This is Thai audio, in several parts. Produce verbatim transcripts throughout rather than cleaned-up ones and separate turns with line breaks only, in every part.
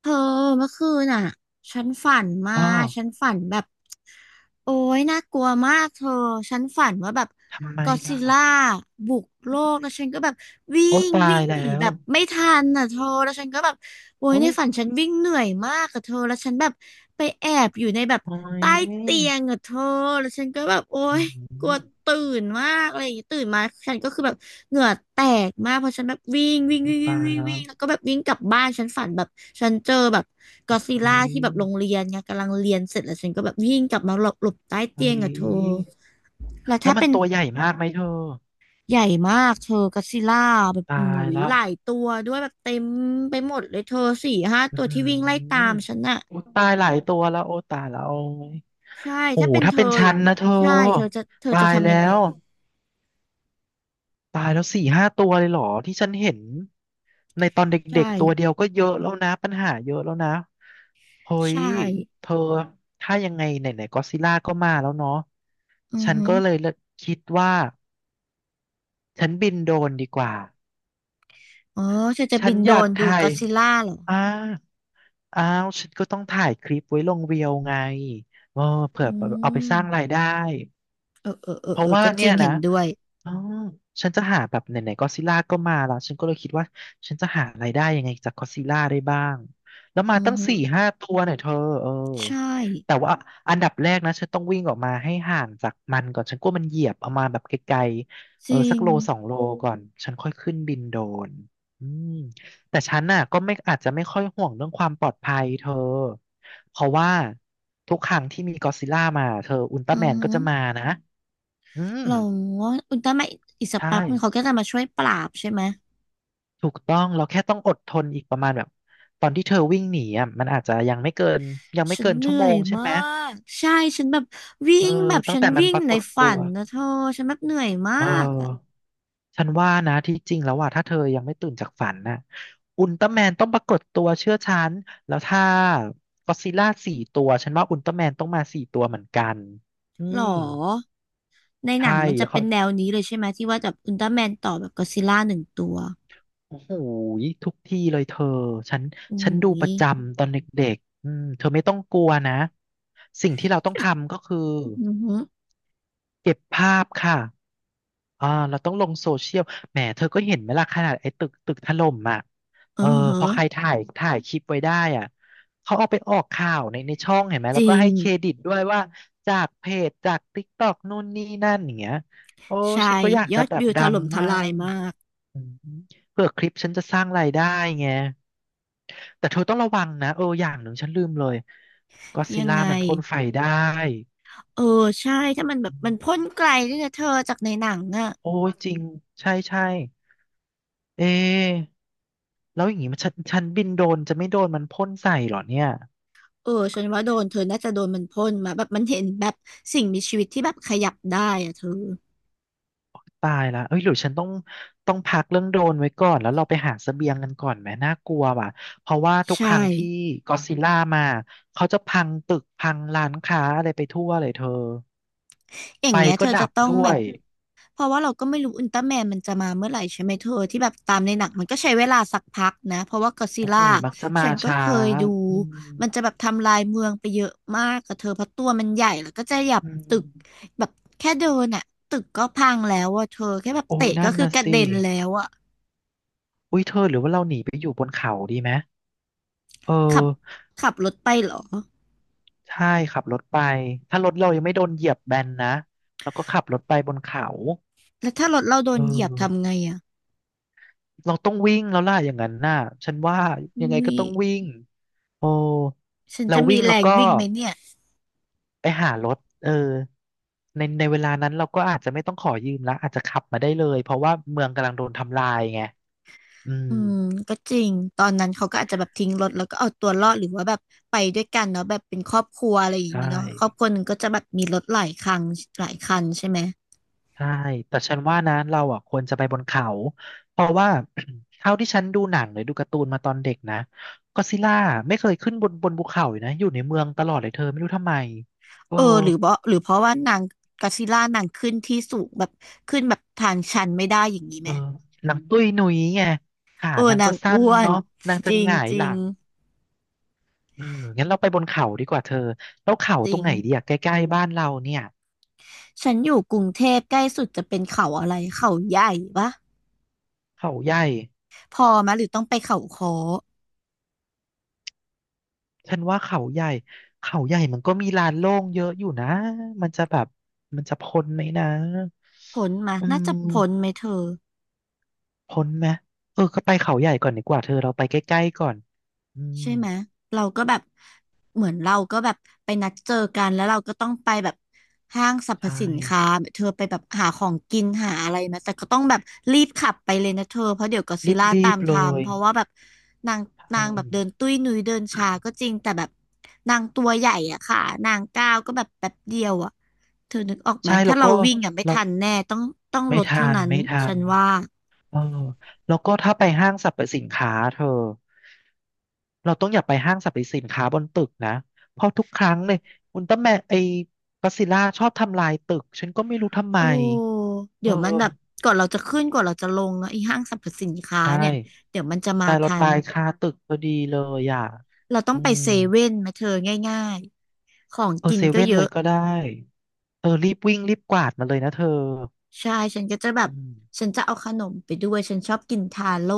เธอเมื่อคืนน่ะฉันฝันมา
อ้อ
ฉันฝันแบบโอ้ยน่ากลัวมากเธอฉันฝันว่าแบบ
ทำไม
ก็อดซิ
ล่ะ
ลล่าบุกโลกแล้วฉันก็แบบวิ่
โอ้
ง
ตา
วิ่
ย
งห
แล้
นีแบ
ว
บไม่ทันน่ะเธอแล้วฉันก็แบบโอ้ย
โอ้
ใน
ย
ฝันฉันวิ่งเหนื่อยมากอะเธอแล้วฉันแบบไปแอบอยู่ในแบบ
โอ้ย
ใต้เตียงอะเธอแล้วฉันก็แบบโอ้
อื
ยกลัว
ม
ตื่นมากอะไรอย่างงี้ตื่นมาฉันก็คือแบบ เหงื่อแตกมากเพราะฉันแบบวิ่งวิ่ง
มัน
วิ่งวิ่ง
ตาย
วิ่ง
แล้
วิ่
ว
งแล้วก็แบบวิ่งกลับบ้านฉันฝันแบบฉันเจอแบบกอซิ
โอ้
ล่า
ย
ที่แบบโรงเรียนไงกำลังเรียนเสร็จแล้วฉันก็แบบวิ่งกลับมาหลบหลบใต้เตี
โอ้
ยงอะเธอ
ย
แล้ว
แล้
ถ้า
วมัน
เป็น
ตัวใหญ่มากไหมเธอ
ใหญ่มากเธอกอซิล่าแบบ
ตา
อุ้
ย
ย
ละ
หลายตัวด้วยแบบเต็มไปหมดเลยเธอสี่ห้า
อื
ตัวที่วิ่งไล่ตา
ม
มฉันอะ
โอ้ตายหลายตัวแล้วโอ้ตายแล้วโอ้ย
ใช่
โอ้
ถ้า
โห
เป็น
ถ้า
เธอ
เป็นฉั
อย่า
น
งเงี้
นะ
ย
เธอ
ใช่เธอจะเธอจะ
ตาย
ทำยัง
แล้
ไง
ว ตายแล้วสี่ห้าตัวเลยเหรอที่ฉันเห็นในตอนเด็ก
ใช่
ๆตัวเดียวก็เยอะแล้วนะปัญหาเยอะแล้วนะเฮ้ย
ใช่
เธอถ้ายังไงไหนๆก็ซิล่าก็มาแล้วเนาะ
อือ
ฉัน
ฮึ
ก็เลย
อ
คิดว่าฉันบินโดรนดีกว่า
อ๋อเธอจะ
ฉั
บิ
น
นโด
อ
ร
ยาก
นดู
ถ่า
ก
ย
อดซิลล่าเหรอ
อ้าอ้าวฉันก็ต้องถ่ายคลิปไว้ลงเรียวไงเออเผื่อ
อื
เอาไป
ม
สร้างรายได้
เออเออเอ
เพ
อเอ
ราะ
อ
ว่า
ก็จ
เนี่
ริง
ย
เห็
นะ
นด้วย
อ๋อฉันจะหาแบบไหนๆก็อดซิล่าก็มาแล้ว ฉันก็เลยคิดว่าฉันจะหารายได้ยังไงจากก็อดซิลล่าได้บ้าง แล้วมา
อือ
ตั้ง
ฮึ
สี่ห้าตัวเนี่ยเธอเออ
ใช่
แต่ว่าอันดับแรกนะฉันต้องวิ่งออกมาให้ห่างจากมันก่อน ฉันกลัวมันเหยียบเอามาแบบไกลๆ
จ
เออ
ริ
สัก
ง
โลสองโลก่อน ฉันค่อยขึ้นบินโดรนอืมแต่ฉันน่ะก็ไม่อาจจะไม่ค่อยห่วงเรื่องความปลอดภัยเธอเพราะว่าทุกครั้งที่มีก็อดซิลล่ามาเธออุลตร้า
อื
แม
อ
นก็
ฮึ
จะมานะ อืม
เราว่าอุลตร้าแมนอีกสัก
ใช่
แป๊บนึงเขาก็จะมาช่วยปราบใช่ไหม
ถูกต้องเราแค่ต้องอดทนอีกประมาณแบบตอนที่เธอวิ่งหนีอ่ะมันอาจจะยังไม่เกินยังไม่
ฉัน
เกิน
เห
ชั่
นื่
วโม
อย
งใช่
มา
ไหม
กใช่ฉันแบบวิ่
เออ
งแบบ
ตั้ง
ฉัน
แต่มัน
วิ่
ป
ง
ราก
ใน
ฏ
ฝั
ตัว
นนะเธอฉันแบบเหนื่อยมา
เอ
กอะ
อฉันว่านะที่จริงแล้วว่าถ้าเธอยังไม่ตื่นจากฝันน่ะอุลตร้าแมนต้องปรากฏตัวเชื่อฉันแล้วถ้าก็อดซิลล่าสี่ตัวฉันว่าอุลตร้าแมนต้องมาสี่ตัวเหมือนกันอื
หรอ
ม
ในหนั
ใช่
งมัน
แล้
จะ
ว
เป็
เขา
นแนวนี้เลยใช่ไหมที่ว่าแบบอุลตร้าแมนต่อแบบก็อดซิลล่าหนึ่งตัว
โอ้โหยทุกที่เลยเธอฉัน
อุ้
ฉันดูป
ย
ระจำตอนเด็กๆอืมเธอไม่ต้องกลัวนะสิ่งที่เราต้องทำก็คือ
อือฮึ
เก็บภาพค่ะอ่าเราต้องลงโซเชียลแหมเธอก็เห็นไหมล่ะขนาดไอ้ตึกตึกถล่มอ่ะเอ
อื
อ
อฮึ
พอใครถ่ายถ่ายคลิปไว้ได้อ่ะเขาเอาไปออกข่าวในในช่องเห็นไหม
จ
แล้ว
ริ
ก็
ง
ให้เครดิตด้วยว่าจากเพจจากติ๊กต็อกนู่นนี่นั่นอย่างเงี้ยโอ้
ใช่
ฉันก็อยาก
ย
จะ
อด
แบบ
วิวถ
ดัง
ล่มท
มา
ลาย
ก
มาก
อืมเผื่อคลิปฉันจะสร้างรายได้ไง แต่เธอต้องระวังนะเอออย่างหนึ่งฉันลืมเลยก็ซิ
ยัง
ล่า
ไง
มันพ่นไฟได้
เออใช่ถ้ามันแบ
อื
บมันพ่
ม
นไกลด้วยนะเธอจากในหนังอ่ะ
โอ้ยจริงใช่ใช่เอะแล้วอย่างงี้มันฉันฉันบินโดรนจะไม่โดนมันพ่นใส่เหรอเนี่ย
เออฉันว่าโดนเธอน่าจะโดนมันพ่นมาแบบมันเห็นแบบสิ่งมีชีวิตที่แบบขยับได้อะเธอ
ตายละเอ้ยหรือฉันต้องต้องพักเรื่องโดรนไว้ก่อนแล้วเราไปหาเสบียงกันก่อนไหมน่ากลัวว่ะเพราะว่าทุกค
ใช่
รั้งที่ก็ซิลล่ามาเขาจะพังตึกพังร้านค้าอะไรไปทั่วเลยเธอ
อย่า
ไฟ
งเงี้ยเธ
ก็
อ
ดั
จะ
บ
ต้อง
ด้
แบ
ว
บ
ย
เพราะว่าเราก็ไม่รู้อุลตร้าแมนมันจะมาเมื่อไหร่ใช่ไหมเธอที่แบบตามในหนังมันก็ใช้เวลาสักพักนะเพราะว่าก็อดซิล
โอ้โห
ล่า
มักจะมา
ฉันก็
ช้า
เคยดู
อืม
มันจะแบบทำลายเมืองไปเยอะมากกับเธอเพราะตัวมันใหญ่แล้วก็จะหยับ
อื
ตึก
ม
แบบแค่เดินอ่ะตึกก็พังแล้วอ่ะเธอแค่แบบ
โอ้ย
เตะก็
นั่น
คือ
น่ะ
กระเด็
สิ
นแล้วอ่ะ
อุ้ยเธอหรือว่าเราหนีไปอยู่บนเขาดีไหมเออ
ขับขับรถไปเหรอ
ใช่ขับรถไปถ้ารถเรายังไม่โดนเหยียบแบนนะแล้วก็ขับรถไปบนเขา
แล้วถ้ารถเราโด
เ
นเหยียบทำ
ออ
ไงอ่ะ
เราต้องวิ่งแล้วล่ะอย่างนั้นน่ะฉันว่ายังไง
อุ้
ก็
ย
ต้องวิ่งโอ้
ฉัน
เรา
จะมี
วิ่ง
แร
แล้ว
ง
ก็
วิ่งไหมเนี่ย
ไปหารถเออในในเวลานั้นเราก็อาจจะไม่ต้องขอยืมละอาจจะขับมาได้เลยเพราะว่าเมืองกำลังโดนทำลายไงอืม
อืมก็จริง ตอนนั้นเขาก็อาจจะแบบทิ้งรถแล้วก็เอาตัวรอดหรือว่าแบบไปด้วยกันเนาะแบบเป็นครอบครัวอะไรอย่าง
ใช่
นี้เนาะครอบครัวหนึ่งก็จะแบบมีรถหลายคันหลายคันใช่ไหม
ใช่ แต่ฉันว่านะ เราอ่ะควรจะไปบนเขา เพราะว่า เท่าที่ฉันดูหนังหรือดูการ์ตูนมาตอนเด็กนะก็ซิล่าไม่เคยขึ้นบนบนภูเขาเลยนะอยู่ในเมืองตลอดเลยเธอไม่รู้ทำไมเออ
เออ หรือเพราะหรือเพราะว่านางก็อดซิลล่านางขึ้นที่สูงแบบขึ้นแบบทางชันไม่ได้อย่างนี้
เอ
ไหม
อนังตุ้ยหนุยไงขา
เออ
นาง
นา
ก็
ง
สั้น
อ้วน
เนาะนาง
จ
จะ
ริ
ห
ง
งาย
จ
ห
ริ
ลั
ง
งเอองั้นเราไปบนเขาดีกว่าเธอ แล้วเขา
จ
ต
ริ
ร
ง
งไหนดีอะใกล้ๆบ้านเราเนี่ย
ฉันอยู่กรุงเทพใกล้สุดจะเป็นเขาอะไรเขาใหญ่ปะ
เขาใหญ่
พอมะหรือต้องไปเขาคอ
ฉันว่าเขาใหญ่เขาใหญ่มันก็มีลานโล่งเยอะอยู่นะมันจะแบบมันจะพ้นไหมนะ
พ้นมะ
อื
น่าจะพ้นไหม
ม
เธอ
พ้นไหมเออก็ไปเขาใหญ่ก่อนดีกว่าเธอเราไปใกล้ๆก่อนอืม
ใช่ไหมเราก็แบบเหมือนเราก็แบบไปนัดเจอกันแล้วเราก็ต้องไปแบบห้างสรรพ
ใช่
สินค้าเธอไปแบบหาของกินหาอะไรมาแต่ก็ต้องแบบรีบขับไปเลยนะเธอเพราะเดี๋ยวก็อดซิลล่า
รี
ตา
บ
ม
ๆเล
ทาม
ย
เพราะว่าแบบนางนา
ใช่
งแบบเดินตุ้ยนุ้ยเดินช้าก็จริงแต่แบบนางตัวใหญ่อะค่ะนางก้าวก็แบบแป๊บเดียวอะเธอนึกออกไหม
ใช่แล้
ถ้า
ว
เรา
ก็
วิ่งอะไม่
เรา
ทันแน่ต้องต้อง
ไม่
ลด
ทั
เท่า
น
นั้น
ไม่ทั
ฉั
น
นว่า
เออแล้วก็ถ้าไปห้างสรรพสินค้าเธอ เราต้องอย่าไปห้างสรรพสินค้าบนตึกนะเพราะทุกครั้งเลยอุลตร้าแมนไอ้ก็อดซิลล่าชอบทำลายตึกฉันก็ไม่รู้ทำไม
โอ้
เอ
เดี๋ยวมันแบบ
อ
ก่อนเราจะขึ้นก่อนเราจะลงเนาะไอ้ห้างสรรพสินค้า
ใช่
เนี่ยเดี๋ยวมันจะมา
ตายเรา
ทัน
ตายคาตึกพอดีเลยอ่ะ
เราต้อ
อื
งไปเซ
ม
เว่นไหมาเธอง่ายๆของ
เออ
กิน
เซ
ก็
เว่น
เย
เลย
อะ
ก็ได้เออรีบวิ่งรีบกวาดมาเลยนะเธอ
ใช่ฉันก็จะแบบ
อืม
ฉันจะเอาขนมไปด้วยฉันชอบกินทาโร่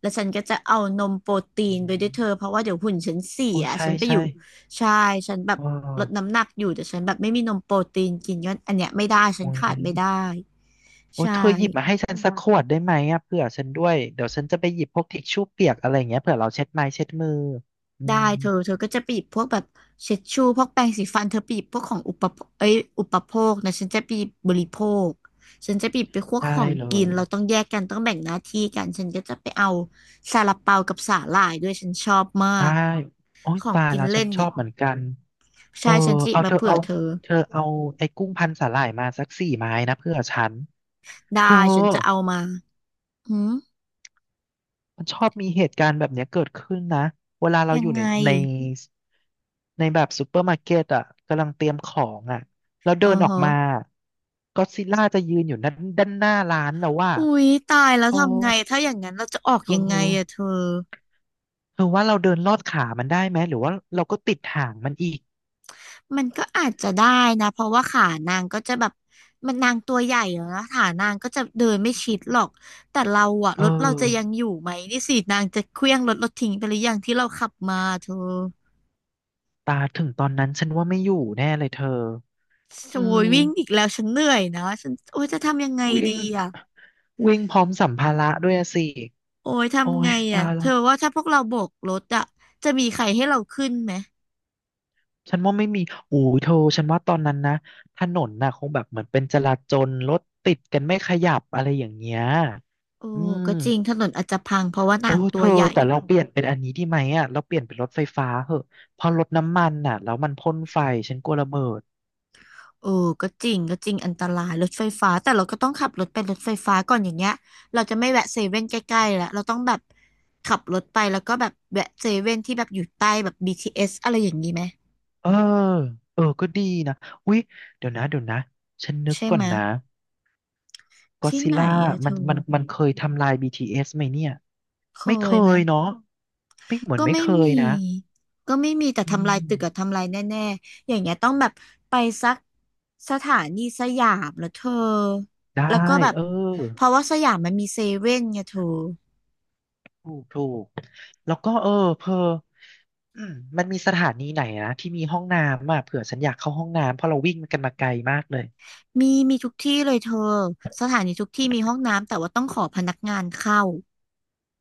แล้วฉันก็จะเอานมโปรตี
อื
นไปด้วยเธอเพ
ม
ราะว่าเดี๋ยวหุ่นฉันเสี
โอ้
ย
ใช่
ฉันไปอ
ใช่
ยู่ใช่ฉันแบบ
เออ
ลดน้ำหนักอยู่แต่ฉันแบบไม่มีนมโปรตีนกินก็อันเนี้ยไม่ได้ฉัน
โอ้ย
ขาดไม่ได้
โอ้
ใช่
เธอหยิบมาให้ฉันสักขวดได้ไหมอ่ะเผื่อฉันด้วยเดี๋ยวฉันจะไปหยิบพวกทิชชู่เปียกอะไรอย่างเงี้ยเผื่อเราเช็ดไม้เช็ดมืออื
ได้
ม
เธอเธอก็จะไปหยิบพวกแบบเช็ดชูพวกแปรงสีฟันเธอไปหยิบพวกของอุปโภคเอ้ยอุปโภคนะฉันจะไปหยิบบริโภคฉันจะไปหยิบไปพวกข
ได้
อง
เล
กิน
ย
เราต้องแยกกันต้องแบ่งหน้าที่กันฉันก็จะไปเอาซาลาเปากับสาหร่ายด้วยฉันชอบมา
ได้
ก
โอ้ย
ของ
ตาย
กิ
แล้
น
วฉั
เล่
น
น
ชอ
เนี่ย
บเหมือนกันเออ
ใช่ฉันจะหยิบ
เอา
มา
เธอ
เผื่อ
เอา
เธอ
เธอเอาไอ้กุ้งพันสาหร่ายมาสักสี่ไม้นะเพื่อฉัน
ได้
เธอ
ฉันจะเอามาหืม
มันชอบมีเหตุการณ์แบบเนี้ยเกิดขึ้นนะเวลาเรา
ยั
อ
ง
ยู่ใน
ไง
ในในแบบซูเปอร์มาร์เก็ตอ่ะกำลังเตรียมของอ่ะแล้วเดิ
อ๋อ
นออก
ฮะ
มาก็อดซิลล่าจะยืนอยู่ด้านด้านหน้าร้านแล้วว่า
อุ๊ยตายแล้ว
โอ้
ทำไงถ้าอย่างนั้นเราจะออก
เธอ
ยังไงอะเธอ
เธอว่าเราเดินลอดขามันได้ไหมหรือว่าเราก็ติดหางมันอีก
มันก็อาจจะได้นะเพราะว่าขานางก็จะแบบมันนางตัวใหญ่แล้วนะขานางก็จะเดินไม่ชิดหรอกแต่เราอะ
เออ
รถเราจะยังอยู่ไหมนี่สินางจะเคลี้ยงรถเราทิ้งไปหรือยังที่เราขับมาเธอ
ตาถึงตอนนั้นฉันว่าไม่อยู่แน่เลยเธอ
โอ้
อื
ย
ม
วิ่งอีกแล้วฉันเหนื่อยนะฉันโอ้ยจะทำยังไงดี
วิ่ง
อะ
วิ่งพร้อมสัมภาระด้วยอะสิ
โอ้ย
โอ้
ทำไง
ยตา
อะ
ย
เธ
แล้
อ
ว
ว่าถ้าพวกเราโบกรถอะจะมีใครให้เราขึ้นไหม
ฉันว่าไม่มีโอ้ยเธอฉันว่าตอนนั้นนะถนนน่ะคงแบบเหมือนเป็นจราจรรถติดกันไม่ขยับอะไรอย่างเงี้ย
โอ้
อืม
ก็จริงถนนอาจจะพังเพราะว่า
โอ้
นาง
เธ
ตัว
อ
ใหญ่
แต่เราเปลี่ยนเป็นอันนี้ดีไหมอ่ะเราเปลี่ยนเป็นรถไฟฟ้าเหอะเพอรถน้ำมันน่ะแล้วมันพ่นไฟฉันกลัวระเบิด
เออก็จริงก็จริงอันตรายรถไฟฟ้าแต่เราก็ต้องขับรถไปรถไฟฟ้าก่อนอย่างเงี้ยเราจะไม่แวะเซเว่นใกล้ๆแล้วเราต้องแบบขับรถไปแล้วก็แบบแวะเซเว่นที่แบบอยู่ใต้แบบ บี ที เอส อสอะไรอย่างนี้ไหม
เออเออก็ดีนะอุ๊ยเดี๋ยวนะเดี๋ยวนะฉันนึก
ใช่
ก่อ
ไหม
นนะ ก็
ที่
ซิ
ไหน
ล่า
อะเธ
มัน
อ
มันมันเคยทำลาย บี ที เอส ไหมเนี่ย
เค
ไม่เค
ยไหม
ยเนาะไม่เหมือ
ก็
นไม่
ไม่
เค
มี
ยนะ
ก็ไม่มีแต่
อื
ทำลาย
ม
ตึกอะทำลายแน่ๆอย่างเงี้ยต้องแบบไปสักสถานีสยามแล้วเธอ
ได้
แล้วก็แบบ
เออ
เพราะว่าสยามมันมีเซเว่นไงเธอ
ถูกถูกแล้วก็เออเพออืมมันมีสถานีไหนนะที่มีห้องน้ำอ่ะเผื่อฉันอยากเข้าห้องน้ำเพราะเราวิ่งกันมาไกลมากเลย
มีมีทุกที่เลยเธอสถานีทุกที่มีห้องน้ำแต่ว่าต้องขอพนักงานเข้า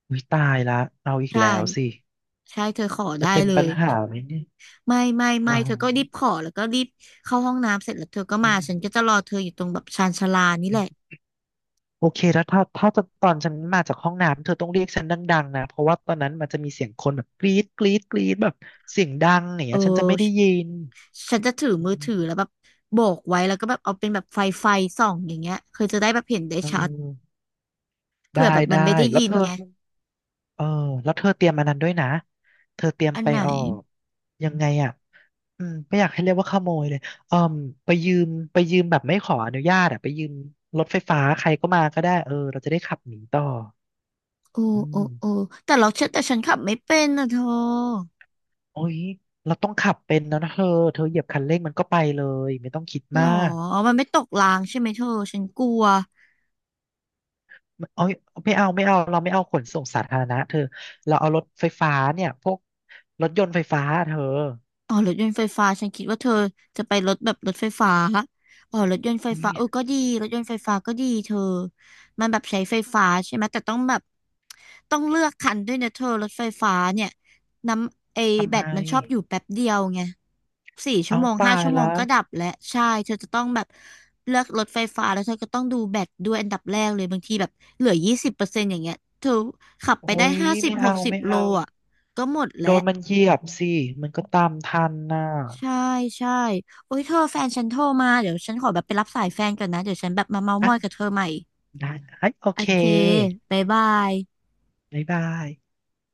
อุ้ยตายละเราอีก
ใช่
แล้วสิ
ใช่เธอขอ
จะ
ได้
เป็น
เล
ปั
ย
ญหาไหมเนี่ย
ไม่ไม่
อ๋
ไม่เธอก็รีบข
อ
อแล้วก็รีบเข้าห้องน้ำเสร็จแล้วเธอก็
อื
มาฉันก็จะรอเธออยู่ตรงแบบชานชาลานี่แหละ
ม โอเคแล้วถ้าถ้าตอนฉันมาจากห้องน้ำเธอต้องเรียกฉันดังๆนะเพราะว่าตอนนั้นมันจะมีเสียงคนแบบกรี๊ดกรี๊ดกรี๊ดแบบเสียงดังอย่าง
เอ
เงี้ยฉันจะไม่
อฉ
ได้ยิน
ฉันจะถือ
อื
มือ
ม
ถือแล้วแบบโบกไว้แล้วก็แบบเอาเป็นแบบไฟไฟส่องอย่างเงี้ยเธอจะได้แบบเห็นได้
เ
ชัด
ออได้
เผื่อแบบมั
ได้
นไม่ได้
แล้ว
ยิ
เธ
น
อ
ไง
เออแล้วเธอเตรียมอันนั้นด้วยนะเธอเตรียม
อัน
ไป
ไหน
ออกยังไงอ่ะอืมไม่อยากให้เรียกว่าขโมยเลยเออไปยืมไปยืมแบบไม่ขออนุญาตอ่ะไปยืมรถไฟฟ้าใครก็มาก็ได้เออเราจะได้ขับหนีต่อ
โอ้
อื
โอ้
ม
โอ้แต่เราเชื่อแต่ฉันขับไม่เป็นนะเธอ
โอ้ยเราต้องขับเป็นแล้วนะเธอเธอเหยียบคันเร่งมันก็ไปเลยไม่ต้องคิด
หร
มา
อ
ก
มันไม่ตกรางใช่ไหมเธอฉันกลัว
โอ้ยไม่เอาไม่เอาเราไม่เอาขนส่งสาธารณะเธอเราเอารถไฟฟ้าเนี่ยพวกรถยนต์ไฟฟ้าเธอ
อ๋อรถยนต์ไฟฟ้าฉันคิดว่าเธอจะไปรถแบบรถไฟฟ้าอ๋อรถยนต์ไฟ
โอ้ย
ฟ้าเออก็ดีรถยนต์ไฟฟ้าก็ดีเธอมันแบบใช้ไฟฟ้าใช่ไหมแต่ต้องแบบต้องเลือกคันด้วยนะเธอรถไฟฟ้าเนี่ยน้ำไอ
ทำ
แบ
ไม
ตมันชอบอยู่แป๊บเดียวไงสี่ชั่
เอา
วโมง
ตา
ห้า
ย
ชั่วโม
แล้
ง
ว
ก็ดับแล้วใช่เธอจะต้องแบบเลือกรถไฟฟ้าแล้วเธอก็ต้องดูแบตด้วยอันดับแรกเลยบางทีแบบเหลือยี่สิบเปอร์เซ็นต์อย่างเงี้ยเธอขับ
โอ้
ไปได้
ย
ห้าสิบ
ไม่
ห
เอา
กสิบ
ไม่
โล
เอา
อ่ะก็หมดแล้
โด
ว
นมันเหยียบสิมันก็ตามทันน่ะ
ใช่ใช่โอ้ยเธอแฟนฉันโทรมาเดี๋ยวฉันขอแบบไปรับสายแฟนก่อนนะเดี๋ยวฉันแบบมาเม้าท์มอยกับ
อ่ะ
เธอใหม่
ได้เอ้ยโอ
โอ
เค
เคบ๊ายบาย
บ๊ายบาย